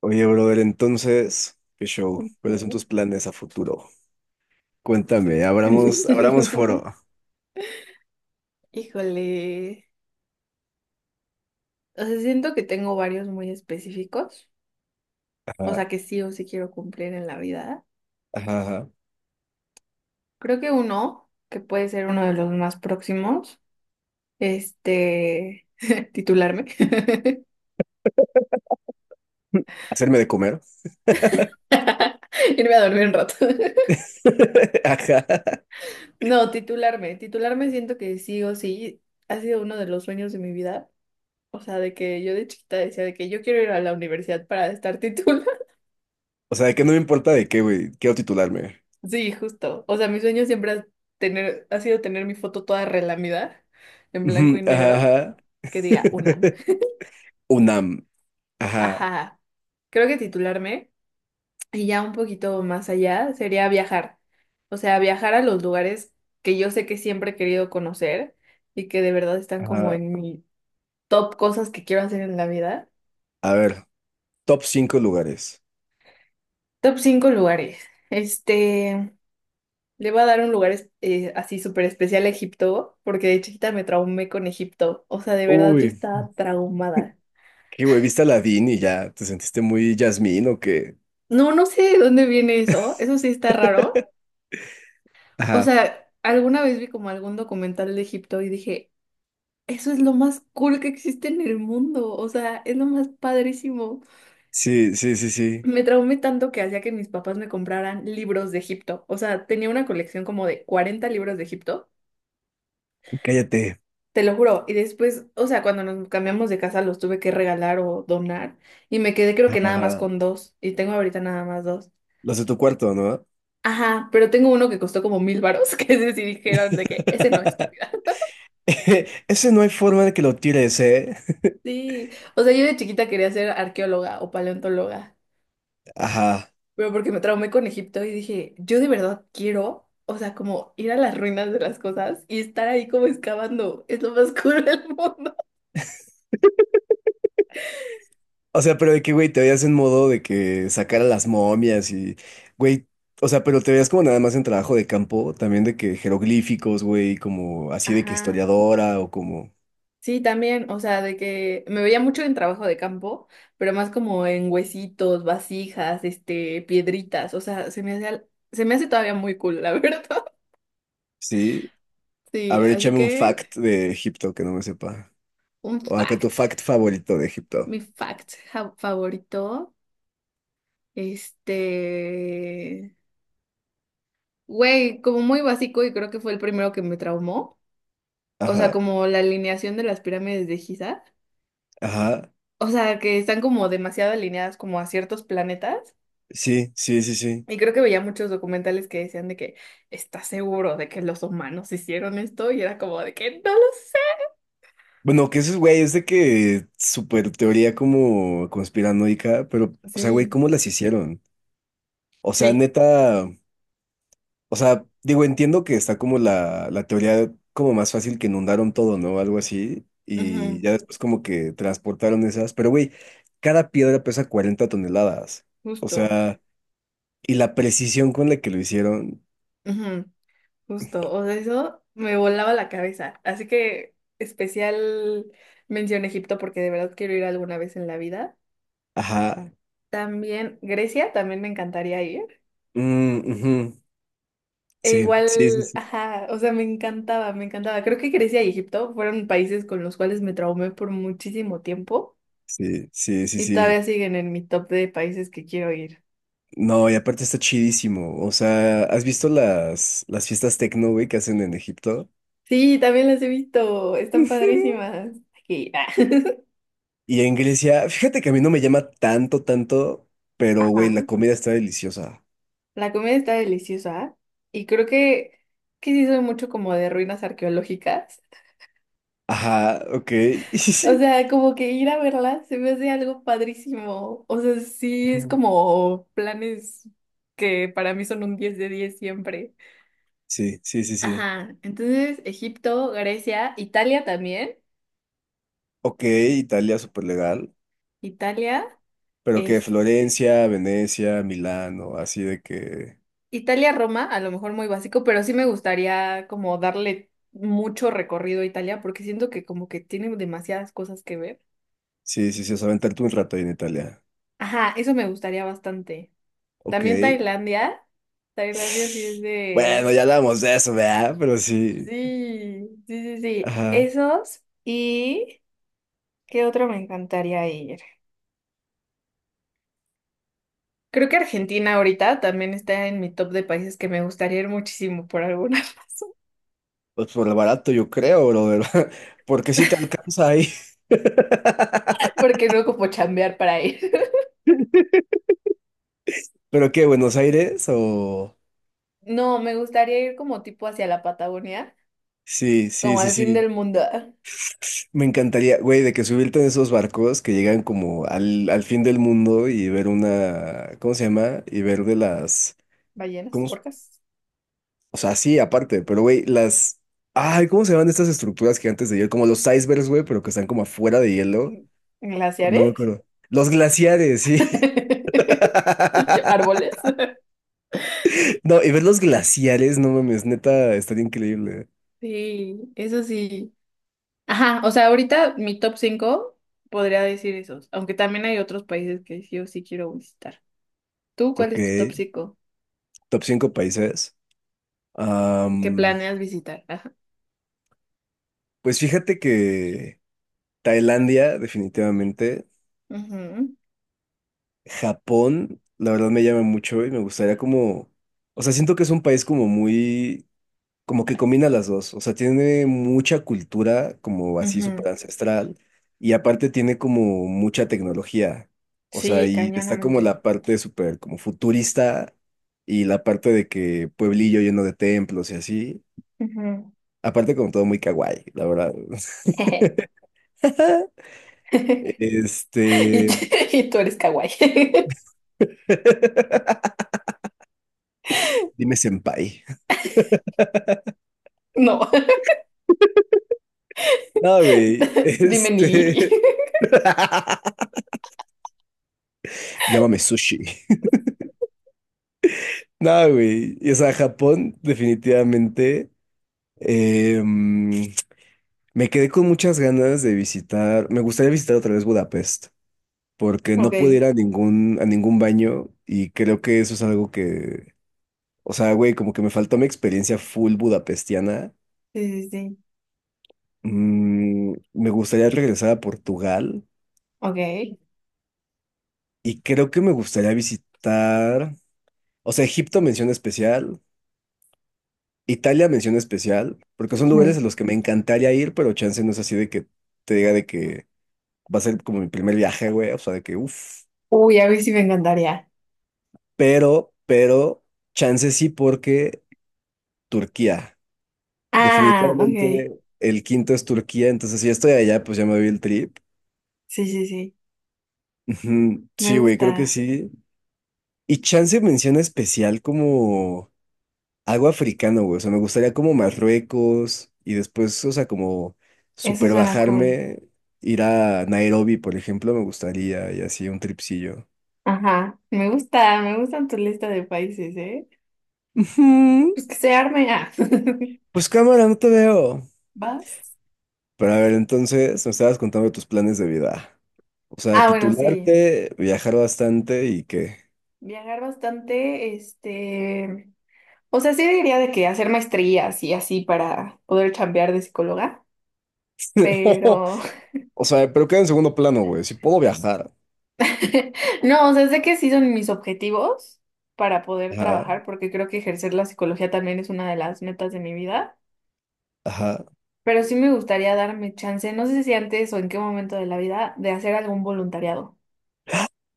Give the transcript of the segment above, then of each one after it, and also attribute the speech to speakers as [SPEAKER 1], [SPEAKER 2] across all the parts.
[SPEAKER 1] Oye, brother, entonces, ¿qué show? ¿Cuáles son
[SPEAKER 2] Ujú.
[SPEAKER 1] tus planes a futuro? Cuéntame, abramos foro.
[SPEAKER 2] Híjole. O sea, siento que tengo varios muy específicos, o
[SPEAKER 1] Ajá,
[SPEAKER 2] sea, que sí o sí quiero cumplir en la vida.
[SPEAKER 1] ajá, ajá.
[SPEAKER 2] Creo que uno, que puede ser uno de los más próximos, este, titularme,
[SPEAKER 1] ¿Hacerme de comer?
[SPEAKER 2] irme a dormir un rato.
[SPEAKER 1] Ajá.
[SPEAKER 2] No, titularme siento que sí o sí ha sido uno de los sueños de mi vida, o sea que yo chiquita decía de que yo quiero ir a la universidad para estar titulada.
[SPEAKER 1] O sea, que no me importa de qué, güey. Quiero titularme.
[SPEAKER 2] Sí, justo. O sea, mi sueño siempre ha sido tener mi foto toda relamida, en blanco
[SPEAKER 1] Ujú,
[SPEAKER 2] y
[SPEAKER 1] Ajá,
[SPEAKER 2] negro,
[SPEAKER 1] ajá.
[SPEAKER 2] que diga UNAM.
[SPEAKER 1] UNAM. Ajá,
[SPEAKER 2] Ajá. Creo que titularme, y ya un poquito más allá, sería viajar. O sea, viajar a los lugares que yo sé que siempre he querido conocer y que de verdad están como
[SPEAKER 1] ajá.
[SPEAKER 2] en mi top cosas que quiero hacer en la vida.
[SPEAKER 1] A ver, top 5 lugares.
[SPEAKER 2] Top 5 lugares. Este. Le voy a dar un lugar así súper especial a Egipto, porque de chiquita me traumé con Egipto. O sea, de verdad
[SPEAKER 1] Uy,
[SPEAKER 2] yo estaba traumada.
[SPEAKER 1] qué güey, viste a Aladdin y ya te sentiste muy Jasmine o qué.
[SPEAKER 2] No, no sé de dónde viene eso. Eso sí está raro. O
[SPEAKER 1] Ajá.
[SPEAKER 2] sea, alguna vez vi como algún documental de Egipto y dije, eso es lo más cool que existe en el mundo. O sea, es lo más padrísimo.
[SPEAKER 1] Sí, sí, sí, sí.
[SPEAKER 2] Me traumé tanto que hacía que mis papás me compraran libros de Egipto. O sea, tenía una colección como de 40 libros de Egipto.
[SPEAKER 1] Cállate.
[SPEAKER 2] Te lo juro. Y después, o sea, cuando nos cambiamos de casa los tuve que regalar o donar. Y me quedé creo
[SPEAKER 1] Ajá,
[SPEAKER 2] que nada más
[SPEAKER 1] ajá.
[SPEAKER 2] con dos. Y tengo ahorita nada más dos.
[SPEAKER 1] Los de tu cuarto, ¿no?
[SPEAKER 2] Ajá, pero tengo uno que costó como mil varos, que ese sí dijeron de que ese no, estúpida.
[SPEAKER 1] Ese no hay forma de que lo tires, ¿eh?
[SPEAKER 2] Sí. O sea, yo de chiquita quería ser arqueóloga o paleontóloga.
[SPEAKER 1] Ajá.
[SPEAKER 2] Pero porque me traumé con Egipto y dije, yo de verdad quiero, o sea, como ir a las ruinas de las cosas y estar ahí como excavando. Es lo más cool del mundo.
[SPEAKER 1] O sea, pero de que, güey, te veías en modo de que sacar a las momias y, güey, o sea, pero te veías como nada más en trabajo de campo, también de que jeroglíficos, güey, como así de que
[SPEAKER 2] Ajá.
[SPEAKER 1] historiadora o como,
[SPEAKER 2] Sí, también, o sea, de que me veía mucho en trabajo de campo, pero más como en huesitos, vasijas, piedritas, o sea, se me hace todavía muy cool, la verdad.
[SPEAKER 1] sí. A
[SPEAKER 2] Sí,
[SPEAKER 1] ver,
[SPEAKER 2] así
[SPEAKER 1] échame un
[SPEAKER 2] que
[SPEAKER 1] fact de Egipto que no me sepa.
[SPEAKER 2] un
[SPEAKER 1] O acá tu
[SPEAKER 2] fact,
[SPEAKER 1] fact favorito de Egipto.
[SPEAKER 2] mi favorito, este, güey, como muy básico y creo que fue el primero que me traumó, o sea,
[SPEAKER 1] Ajá,
[SPEAKER 2] como la alineación de las pirámides de Giza,
[SPEAKER 1] ajá.
[SPEAKER 2] o sea, que están como demasiado alineadas como a ciertos planetas.
[SPEAKER 1] Sí, sí, sí, sí.
[SPEAKER 2] Y creo que veía muchos documentales que decían de que, ¿estás seguro de que los humanos hicieron esto? Y era como de que no lo sé.
[SPEAKER 1] Bueno, que eso es, güey, es de que súper teoría como conspiranoica, pero, o sea, güey,
[SPEAKER 2] Sí,
[SPEAKER 1] ¿cómo las hicieron? O sea,
[SPEAKER 2] sí,
[SPEAKER 1] neta, o sea, digo, entiendo que está como la teoría como más fácil que inundaron todo, ¿no? Algo así.
[SPEAKER 2] ujú,
[SPEAKER 1] Y ya después como que transportaron esas. Pero, güey, cada piedra pesa 40 toneladas. O
[SPEAKER 2] justo,
[SPEAKER 1] sea, y la precisión con la que lo hicieron.
[SPEAKER 2] ujú, justo. O sea, eso me volaba la cabeza. Así que especial mención a Egipto porque de verdad quiero ir alguna vez en la vida.
[SPEAKER 1] Ajá.
[SPEAKER 2] También Grecia, también me encantaría ir.
[SPEAKER 1] Mm, ujú.
[SPEAKER 2] E
[SPEAKER 1] Sí,
[SPEAKER 2] igual,
[SPEAKER 1] sí, sí, sí.
[SPEAKER 2] ajá, o sea, me encantaba. Creo que Grecia y Egipto fueron países con los cuales me traumé por muchísimo tiempo.
[SPEAKER 1] Sí, sí, sí,
[SPEAKER 2] Y
[SPEAKER 1] sí.
[SPEAKER 2] todavía siguen en mi top de países que quiero ir.
[SPEAKER 1] No, y aparte está chidísimo. O sea, ¿has visto las fiestas tecno, güey, que hacen en Egipto?
[SPEAKER 2] Sí, también las he visto. Están padrísimas. Aquí, ah.
[SPEAKER 1] Y en Grecia, fíjate que a mí no me llama tanto, tanto, pero güey,
[SPEAKER 2] Ajá.
[SPEAKER 1] la comida está deliciosa.
[SPEAKER 2] La comida está deliciosa. Y creo que sí soy mucho como de ruinas arqueológicas.
[SPEAKER 1] Ajá, ok. Sí,
[SPEAKER 2] O
[SPEAKER 1] sí,
[SPEAKER 2] sea, como que ir a verlas se me hace algo padrísimo. O sea, sí es
[SPEAKER 1] Ujú.
[SPEAKER 2] como planes que para mí son un 10 de 10 siempre.
[SPEAKER 1] Sí, sí, sí. sí.
[SPEAKER 2] Ajá. Entonces, Egipto, Grecia, Italia también.
[SPEAKER 1] Ok, Italia, súper legal.
[SPEAKER 2] Italia,
[SPEAKER 1] Pero que
[SPEAKER 2] este.
[SPEAKER 1] Florencia, Venecia, Milán o así de que.
[SPEAKER 2] Italia-Roma, a lo mejor muy básico, pero sí me gustaría como darle mucho recorrido a Italia porque siento que como que tiene demasiadas cosas que ver.
[SPEAKER 1] Sí, sí, sí, o sea, aventarte un rato ahí en Italia.
[SPEAKER 2] Ajá, eso me gustaría bastante.
[SPEAKER 1] Ok.
[SPEAKER 2] También Tailandia. Tailandia sí es
[SPEAKER 1] Bueno,
[SPEAKER 2] de...
[SPEAKER 1] ya hablamos de eso, ¿verdad? Pero sí.
[SPEAKER 2] Sí, sí, sí, sí.
[SPEAKER 1] Ajá.
[SPEAKER 2] Esos y... ¿Qué otro me encantaría ir? Creo que Argentina ahorita también está en mi top de países que me gustaría ir muchísimo por alguna razón,
[SPEAKER 1] Pues por lo barato, yo creo, brother. Porque si te alcanza ahí.
[SPEAKER 2] porque no como chambear para ir.
[SPEAKER 1] ¿Pero qué, Buenos Aires? O.
[SPEAKER 2] No, me gustaría ir como tipo hacia la Patagonia,
[SPEAKER 1] Sí, sí,
[SPEAKER 2] como
[SPEAKER 1] sí,
[SPEAKER 2] al fin
[SPEAKER 1] sí.
[SPEAKER 2] del mundo.
[SPEAKER 1] Me encantaría, güey, de que subirte en esos barcos que llegan como al fin del mundo y ver una, ¿cómo se llama? Y ver de las,
[SPEAKER 2] Ballenas,
[SPEAKER 1] ¿cómo? S-
[SPEAKER 2] orcas,
[SPEAKER 1] O sea, sí, aparte, pero güey, las, ay, ¿cómo se llaman estas estructuras gigantes de hielo? Como los icebergs, güey, pero que están como afuera de hielo. No me
[SPEAKER 2] glaciares.
[SPEAKER 1] acuerdo. Los glaciares, sí.
[SPEAKER 2] Yo, árboles.
[SPEAKER 1] No, y ver los glaciares, no mames, neta, estaría increíble.
[SPEAKER 2] Sí, eso sí. Ajá, o sea, ahorita mi top 5 podría decir esos, aunque también hay otros países que sí o sí quiero visitar. ¿Tú cuál
[SPEAKER 1] Ok,
[SPEAKER 2] es tu top 5,
[SPEAKER 1] top cinco países.
[SPEAKER 2] que
[SPEAKER 1] Am,
[SPEAKER 2] planeas visitar? Ajá.
[SPEAKER 1] pues fíjate que Tailandia, definitivamente.
[SPEAKER 2] Ujú,
[SPEAKER 1] Japón, la verdad me llama mucho y me gustaría como, o sea, siento que es un país como muy, como que combina las dos, o sea, tiene mucha cultura como así
[SPEAKER 2] ujú.
[SPEAKER 1] súper ancestral y aparte tiene como mucha tecnología, o sea,
[SPEAKER 2] Sí,
[SPEAKER 1] y está como
[SPEAKER 2] cañonamente.
[SPEAKER 1] la parte súper como futurista y la parte de que pueblillo lleno de templos y así,
[SPEAKER 2] Ujú.
[SPEAKER 1] aparte como todo muy kawaii, la verdad.
[SPEAKER 2] Y,
[SPEAKER 1] Este,
[SPEAKER 2] t- y tú eres kawaii.
[SPEAKER 1] dime senpai.
[SPEAKER 2] No.
[SPEAKER 1] No, güey,
[SPEAKER 2] Dime nigiri.
[SPEAKER 1] este... Llámame sushi. No, güey. Y, o sea, Japón, definitivamente. eh, mm, me quedé con muchas ganas de visitar. Me gustaría visitar otra vez Budapest, porque
[SPEAKER 2] Ok,
[SPEAKER 1] no pude ir
[SPEAKER 2] sí,
[SPEAKER 1] a ningún baño y creo que eso es algo que. O sea, güey, como que me faltó mi experiencia full budapestiana.
[SPEAKER 2] sí, sí.
[SPEAKER 1] Mm, me gustaría regresar a Portugal
[SPEAKER 2] Ok.
[SPEAKER 1] y creo que me gustaría visitar. O sea, Egipto mención especial. Italia mención especial, porque son lugares a
[SPEAKER 2] Ujú.
[SPEAKER 1] los que me encantaría ir, pero chance no es así de que te diga de que va a ser como mi primer viaje, güey, o sea, de que uff,
[SPEAKER 2] Uy, a mí sí me encantaría.
[SPEAKER 1] pero, chance sí porque Turquía,
[SPEAKER 2] Ah, ok.
[SPEAKER 1] definitivamente el quinto es Turquía, entonces si ya estoy allá, pues ya me doy el trip.
[SPEAKER 2] Sí, sí, sí.
[SPEAKER 1] Ujú,
[SPEAKER 2] Me
[SPEAKER 1] sí, güey, creo que
[SPEAKER 2] gusta.
[SPEAKER 1] sí. Y chance mención especial como... Algo africano, güey. O sea, me gustaría como Marruecos y después, o sea, como
[SPEAKER 2] Eso
[SPEAKER 1] super
[SPEAKER 2] suena cool.
[SPEAKER 1] bajarme, ir a Nairobi, por ejemplo, me gustaría y así un tripsillo.
[SPEAKER 2] Ajá. Me gusta, me gustan tu lista de países, ¿eh?
[SPEAKER 1] Ujú.
[SPEAKER 2] Pues que se arme. Ah.
[SPEAKER 1] Pues cámara, no te veo.
[SPEAKER 2] ¿Vas?
[SPEAKER 1] Pero a ver, entonces me estabas contando tus planes de vida. O sea,
[SPEAKER 2] Ah, bueno, sí.
[SPEAKER 1] titularte, viajar bastante y qué.
[SPEAKER 2] Viajar bastante, O sea, sí diría de que hacer maestrías y así para poder chambear de psicóloga, pero.
[SPEAKER 1] O sea, pero queda en segundo plano, güey. Si puedo viajar.
[SPEAKER 2] No, o sea, sé que sí son mis objetivos para poder
[SPEAKER 1] Ajá,
[SPEAKER 2] trabajar, porque creo que ejercer la psicología también es una de las metas de mi vida,
[SPEAKER 1] ajá.
[SPEAKER 2] pero sí me gustaría darme chance, no sé si antes o en qué momento de la vida, de hacer algún voluntariado.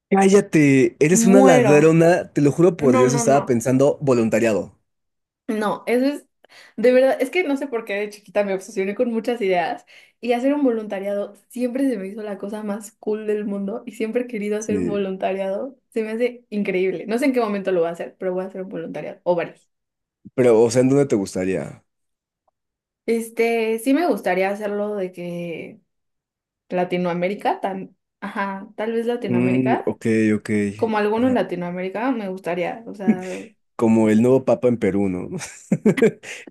[SPEAKER 1] Cállate, eres una
[SPEAKER 2] Muero.
[SPEAKER 1] ladrona, te lo juro por
[SPEAKER 2] No,
[SPEAKER 1] Dios,
[SPEAKER 2] no,
[SPEAKER 1] estaba
[SPEAKER 2] no.
[SPEAKER 1] pensando voluntariado.
[SPEAKER 2] No, eso es, de verdad, es que no sé por qué de chiquita me obsesioné con muchas ideas y hacer un voluntariado siempre se me hizo la cosa más cool del mundo y siempre he querido hacer un
[SPEAKER 1] Sí.
[SPEAKER 2] voluntariado. Se me hace increíble. No sé en qué momento lo voy a hacer, pero voy a hacer un voluntariado o varios.
[SPEAKER 1] Pero, o sea, ¿en dónde te gustaría?
[SPEAKER 2] Sí me gustaría hacerlo de que Latinoamérica, tan, ajá, tal vez
[SPEAKER 1] Mm,
[SPEAKER 2] Latinoamérica,
[SPEAKER 1] ok, ok.
[SPEAKER 2] como alguno en Latinoamérica, me gustaría, o sea,
[SPEAKER 1] Como el nuevo papa en Perú, ¿no?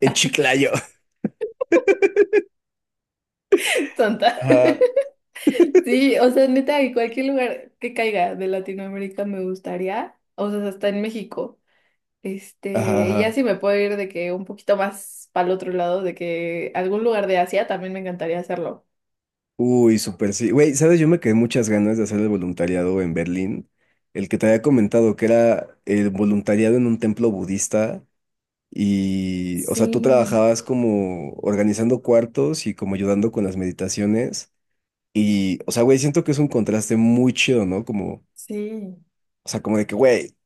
[SPEAKER 1] En Chiclayo.
[SPEAKER 2] tonta.
[SPEAKER 1] Ajá,
[SPEAKER 2] Sí, o sea, neta, en cualquier lugar que caiga de Latinoamérica me gustaría, o sea, hasta en México.
[SPEAKER 1] ajá,
[SPEAKER 2] Ya
[SPEAKER 1] ajá.
[SPEAKER 2] sí me puedo ir de que un poquito más para el otro lado, de que algún lugar de Asia también me encantaría hacerlo.
[SPEAKER 1] Uy, súper sí. Güey, ¿sabes? Yo me quedé muchas ganas de hacer el voluntariado en Berlín. El que te había comentado que era el voluntariado en un templo budista. Y, o sea, tú
[SPEAKER 2] Sí,
[SPEAKER 1] trabajabas como organizando cuartos y como ayudando con las meditaciones. Y, o sea, güey, siento que es un contraste muy chido, ¿no? Como
[SPEAKER 2] sí.
[SPEAKER 1] o sea, como de que, güey,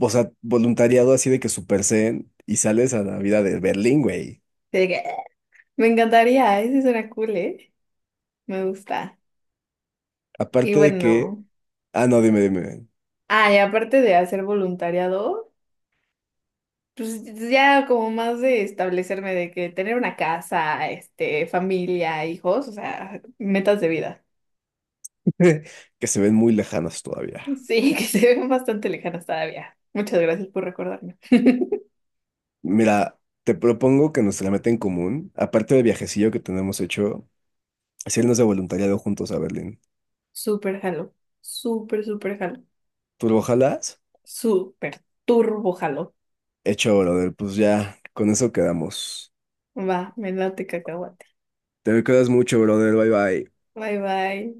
[SPEAKER 1] o sea, voluntariado así de que Super Zen y sales a la vida de Berlín, güey.
[SPEAKER 2] De que, me encantaría, ese suena cool, ¿eh? Me gusta. Y
[SPEAKER 1] Aparte de que,
[SPEAKER 2] bueno,
[SPEAKER 1] ah, no, dime, dime,
[SPEAKER 2] ah, y aparte de hacer voluntariado, pues ya como más de establecerme de que tener una casa, familia, hijos, o sea, metas de vida.
[SPEAKER 1] dime. Que se ven muy lejanas todavía.
[SPEAKER 2] Sí, que se ven bastante lejanas todavía. Muchas gracias por recordarme.
[SPEAKER 1] Mira, te propongo que nuestra meta en común, aparte del viajecillo que tenemos hecho, es irnos de voluntariado juntos a Berlín.
[SPEAKER 2] Súper jalo, súper jalo,
[SPEAKER 1] ¿Tú lo jalas?
[SPEAKER 2] súper turbo jalo.
[SPEAKER 1] Hecho, brother, pues ya, con eso quedamos.
[SPEAKER 2] Va, me late cacahuate.
[SPEAKER 1] Te me cuidas mucho, brother, bye bye.
[SPEAKER 2] Bye, bye.